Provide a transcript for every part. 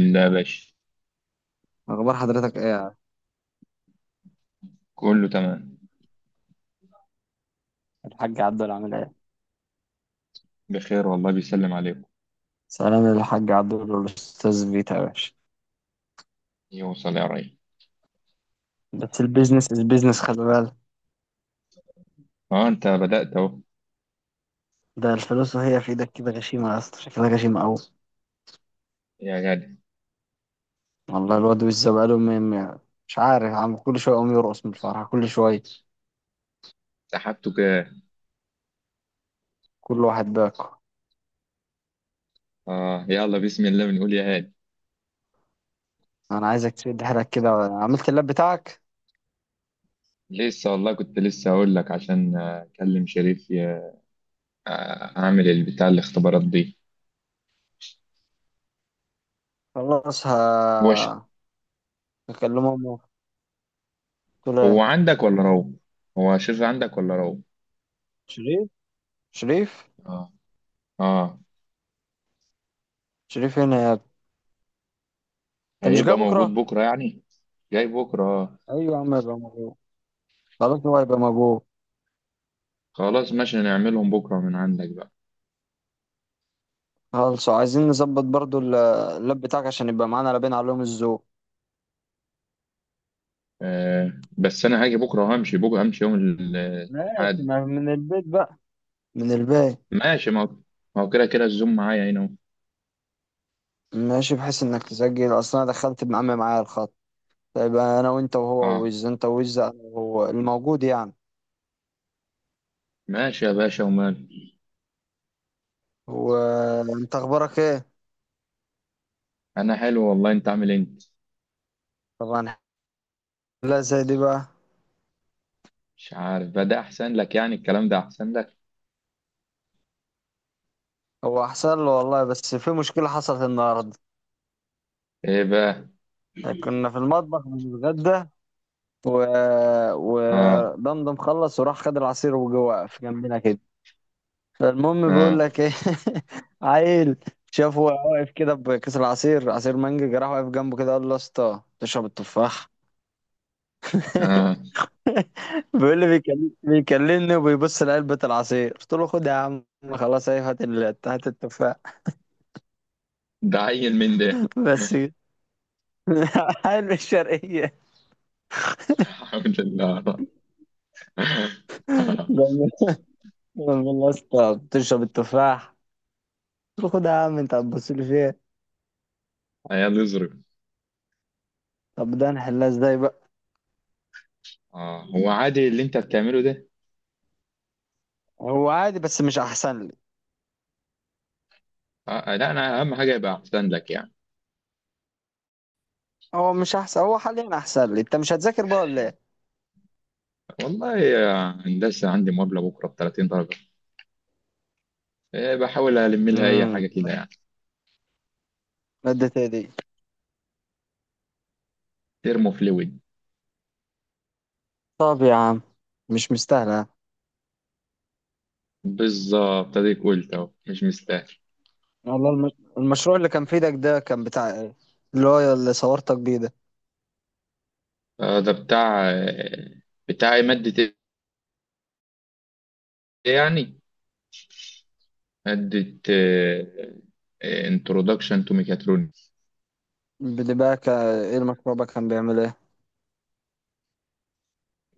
لا يا باشا، اخبار حضرتك ايه يا عم؟ كله تمام. الحاج عبدول عامل ايه؟ بخير والله، بيسلم عليكم. سلام للحاج عبدول والاستاذ فيتا يا باشا. يوصل يا ريس. بس البيزنس از بيزنس خلي بالك. اه، انت بدأت اهو. ده الفلوس وهي في ايدك كده غشيمة يا اسطى، شكلها غشيمة قوي. يا غالي، والله الواد وزة بقاله م- مش عارف، عم كل شوية يقوم يرقص من الفرحة كل شوية. سحبته كده. كل واحد باكو. اه يلا بسم الله، بنقول يا هادي. انا عايزك تشد حيلك كده، عملت اللاب بتاعك؟ لسه والله كنت لسه هقول لك عشان اكلم شريف اعمل البتاع الاختبارات دي. خلاص ه هو هكلمه امه. قلت له هو إيه؟ عندك ولا روح؟ هو شريف عندك ولا روح؟ شريف، شريف، اه. اه. شريف هنا يا ابني. انت مش جاي هيبقى موجود بكرة؟ بكره يعني. جاي بكره اه. ايوه يا عم يبقى موجود، خلاص هو هيبقى موجود. خلاص ماشي، نعملهم بكره من عندك بقى. خلاص عايزين نظبط برضو اللاب بتاعك عشان يبقى معانا لابين عليهم الذوق. بس انا هاجي بكره وهمشي بكره، همشي يوم ماشي الأحد. ما من البيت بقى، من الباقي. ماشي، ما هو كده كده الزوم معايا هنا اهو. ماشي بحيث انك تسجل، اصلا انا دخلت ابن عمي معايا الخط، يبقى انا وانت وهو، اه، ويز انت ويز انا وهو الموجود يعني. ماشي يا باشا، ومال. وانت اخبارك ايه؟ انا حلو والله، انت عامل إيه انت؟ طبعا. لا زي دي بقى. مش عارف بقى، ده احسن لك يعني، الكلام ده احسن لك. هو احسن له والله، بس في مشكلة حصلت النهاردة. ايه بقى؟ كنا في المطبخ بنتغدى، و... اه، ودمدم خلص وراح خد العصير وجه واقف جنبنا كده. فالمهم بيقول اه، لك ايه، عيل، شافه وهو واقف كده بكيس العصير، عصير مانجا، جراح واقف جنبه كده قال له يا اسطى تشرب التفاح. اه، بيقول لي بيكلمني وبيبص لعلبة العصير، قلت له خد يا عم، خلاص ايه، هات التفاح. ده عيل من ده. بس كده. عيل من الشرقية. الحمد لله. لما يا اسطى تشرب التفاح، قلت له خد يا عم انت هتبص لي فيها. عيال يظرف. طب ده نحلها ازاي بقى؟ اه، هو عادي اللي انت بتعمله ده. هو عادي بس مش احسن لي. لا، انا اهم حاجه يبقى احسن لك يعني. هو مش احسن، هو حاليا احسن لي، انت مش هتذاكر بقى ولا ايه؟ والله يا هندسه، عندي مقابله بكره ب 30 درجه، إيه، بحاول الم لها اي حاجه كده امم، يعني. مادة دي؟ ترمو فلويد. طب يا عم مش مستاهلة. بالظبط، اديك قلت اهو مش مستاهل. والله المشروع اللي كان في ايدك ده كان بتاع ايه؟ اللي هو اللي صورتك بيه ده، ده بتاع بتاع إيه؟ مادة ايه يعني؟ مادة انترودكشن تو ميكاترونكس. ايه المشروع بقى، كان بيعمل ايه؟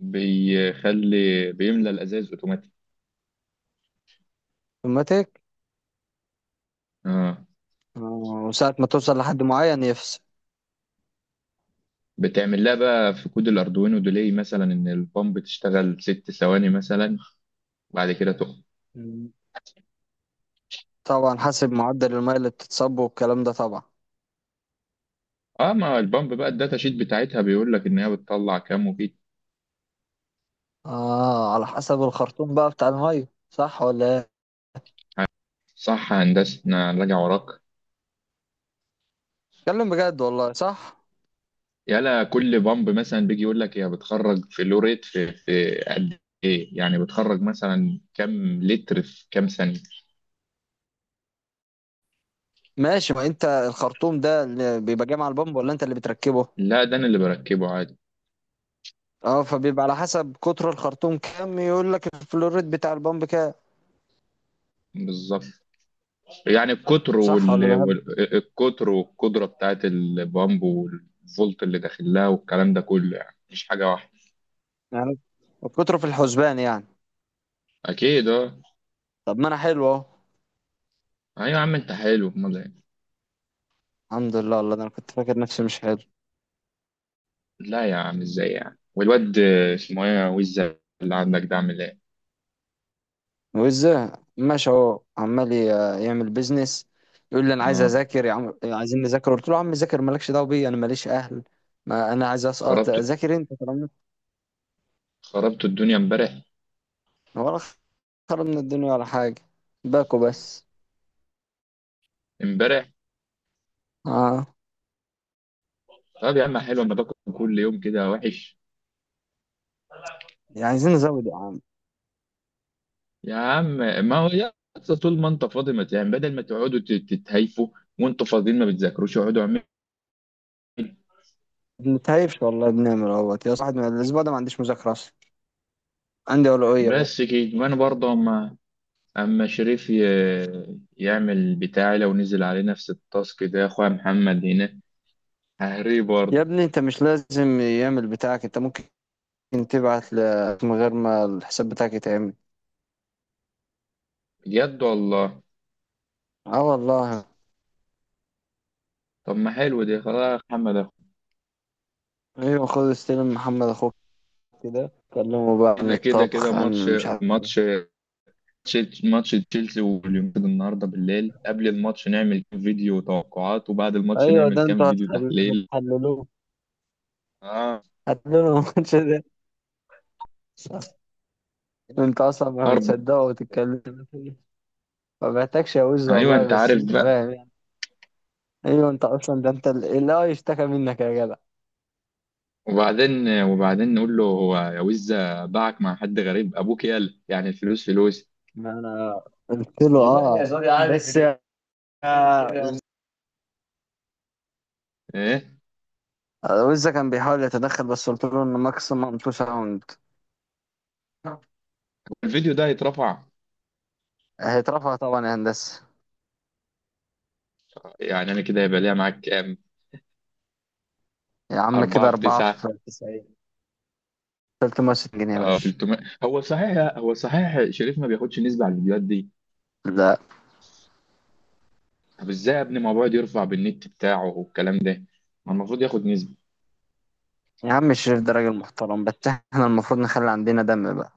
بيخلي، بيملى الازاز اوتوماتيك. اوتوماتيك. اه، آه، وساعة ما توصل لحد معين يفصل. بتعمل لها بقى في كود الاردوينو ديلي مثلا، ان البامب تشتغل 6 ثواني مثلا وبعد كده تقف. مم. طبعا حسب معدل المية اللي بتتصب والكلام ده طبعا. اه، ما البامب بقى، الداتا شيت بتاعتها بيقول لك ان هي بتطلع كام وكده. اه، على حسب الخرطوم بقى بتاع المية، صح ولا ايه؟ صح يا هندسه، انا راجع وراك. اتكلم بجد والله صح. يلا، كل بامب مثلا بيجي يقول لك هي بتخرج في لوريت في قد ايه، يعني بتخرج مثلا كام لتر في كام ثانيه. ماشي، ما انت الخرطوم ده اللي بيبقى جاي مع البامب ولا انت اللي بتركبه؟ لا، ده انا اللي بركبه عادي. اه، فبيبقى على حسب قطر الخرطوم كام يقول لك الفلوريد بتاع البامب كام. بالظبط. يعني صح ولا بهبد القطر والقدره بتاعت البامب والفولت اللي داخل لها والكلام ده كله، يعني مش حاجه واحده. يعني؟ قطره في الحسبان يعني. اكيد اه. طب ما انا حلو اهو. ايوه يا عم، انت حلو، امال إيه؟ الحمد لله والله، ده انا كنت فاكر نفسي مش حلو. لا يا عم، ازاي يعني؟ والواد اسمه ايه، وزة اللي عندك ده، عامل ايه؟ وازاي؟ ماشي اهو عمال يعمل بيزنس. يقول لي انا عايز اه، اذاكر يا عم، عايزين نذاكر، قلت له يا عم ذاكر، مالكش دعوه بيا، انا ماليش اهل، ما انا عايز اسقط، خربت ذاكر انت طالما. خربت الدنيا امبارح. ولا خرب من الدنيا ولا حاجه، باكو بس. امبارح، اه، طب يا عم حلو، اما باكل كل يوم كده وحش. يعني عايزين نزود يا عم. يا عم، ما هو يا اسطى طول ما انت فاضي، ما يعني بدل ما تقعدوا تتهايفوا وانتوا فاضيين ما بتذاكروش، اقعدوا اعملوا. بنتهيفش والله، بنعمل اهوت يا صاحبي، أنا الاسبوع ده ما عنديش مذاكره اصلا، عندي اولويه بقى. بس كده. وانا برضه اما شريف يعمل بتاعي، لو نزل عليه نفس التاسك ده يا اخويا محمد هنا ههريه يا برضه. ابني انت مش لازم يعمل بتاعك، انت ممكن من غير ما الحساب بتاعك يتعمل. بجد والله. اه والله. طب ما حلو دي. خلاص يا محمد، أخو. ايوه خد استلم محمد اخوك، كده كلمه بقى عن كده كده كده، الطبخ، عن مش عارف. ماتش ماتش تشيلسي واليونايتد النهارده بالليل، قبل الماتش نعمل كام فيديو توقعات وبعد الماتش ايوه، نعمل ده انتوا كام فيديو تحليل. هتحللوه، اه. هتحللوه الماتش ده؟ انت اصلا ما اربع. بتصدقه وتتكلم. ما بحتاجش يا وز ايوه، والله، انت بس عارف انت بقى. فاهم يعني. ايوه انت اصلا ده، انت اللي هو يشتكى منك يا جدع. وبعدين نقول له هو، يا وزة باعك مع حد غريب ابوك، يالا يعني الفلوس فلوس. قلت له والله يا اه زوري عارف بس ايه ويزا كان بيحاول يتدخل بس قلت له ان ماكسيمم تو ساوند. الفيديو ده، هيترفع؟ هيترفع طبعا يا هندسه. يعني انا كده هيبقى ليا معاك كام؟ يا عم كده 4 في أربعة 9، في 90، 360 جنيه يا باشا. 300؟ هو صحيح شريف ما بياخدش نسبة على الفيديوهات دي؟ لا. طب ازاي يا ابني؟ ما هو بيقعد يرفع بالنت بتاعه والكلام ده، ما المفروض ياخد نسبة. يا عم الشريف ده راجل محترم، بس احنا المفروض نخلي عندنا دم بقى.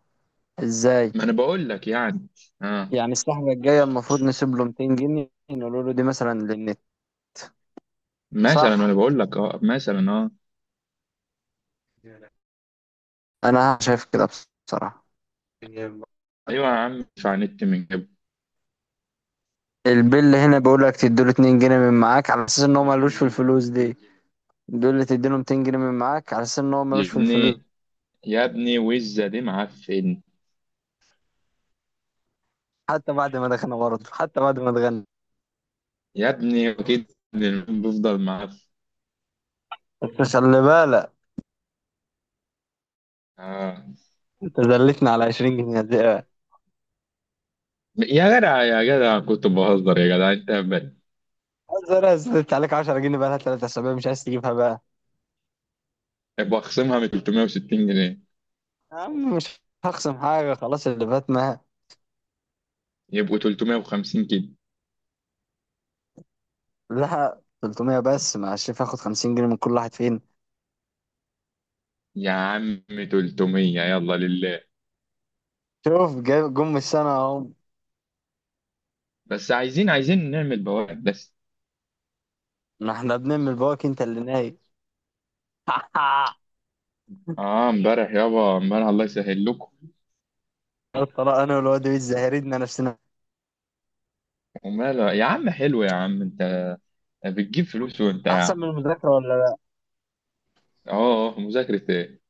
ازاي ما انا بقول لك يعني اه، يعني؟ السحبة الجاية المفروض نسيب له 200 جنيه، نقول له دي مثلا للنت. مثلا، ما انا صح، بقول لك اه مثلا اه. انا شايف كده بصراحة. ايوه يا عم، ادفع نت من جنب. البيل هنا بيقول لك تديله 2 جنيه من معاك على اساس ان هو ملوش في الفلوس دي، دول اللي تديله 200 جنيه من معاك على اساس ان هو يا ملوش في الفلوس. ابني، يا ابني، وزه دي معفن. حتى بعد ما دخلنا برضه، حتى بعد ما اتغنى. يا ابني اكيد، بفضل معفن. بس خلي بالك، اه. انت زلتنا على 20 جنيه دي ايه؟ يا جدع، يا جدع، كنت بهزر يا جدع، انت هبل. عايز، انا زلت عليك 10 جنيه بقى لها 3 اسابيع، مش عايز تجيبها بقى؟ بخصمها من 360 جنيه، يا عم مش هخصم حاجه خلاص، اللي فات ما، يبقوا 350 كده لها 300 بس، مع الشيف هاخد 50 جنيه من كل واحد فين. يا عم. 300، يلا لله. شوف جم السنه اهو. بس عايزين نعمل بوابات بس. ما احنا بنعمل بواك، انت اللي نايم. اه، امبارح يابا، امبارح الله يسهل لكم. الطلاق انا والواد الزهريدنا نفسنا. وماله يا عم؟ حلو يا عم، انت بتجيب فلوس وانت احسن من قاعد. المذاكره. اه، اه، مذاكرة ايه؟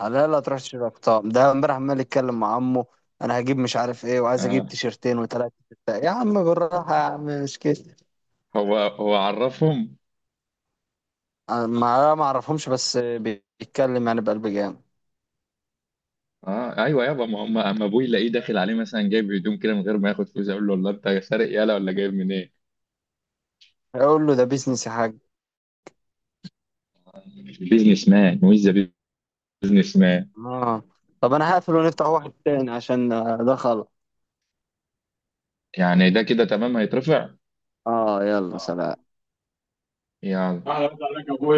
لا لا، تروح تشتري اقطاب، ده امبارح عمال يتكلم مع عمه، انا هجيب مش عارف ايه، وعايز اجيب اه، تيشرتين وثلاثه. يا عم بالراحه يا عم، مش كده. هو عرفهم. أنا ما اعرفهمش، بس بيتكلم يعني بقلب جامد. اه، ايوه يابا، ما هم اما ابوي يلاقيه داخل عليه مثلا جايب هدوم كده من غير ما ياخد فلوس، اقول له والله انت سارق، يالا ولا جايب منين. اقول له ده بيزنس يا حاج. بيزنس مان ويز بيزنس مان. اه. طب انا هقفل ونفتح واحد تاني عشان ده خلاص. يعني ده كده تمام، هيترفع. اه يلا سلام. يلا. اهلا عليك يا ابويا.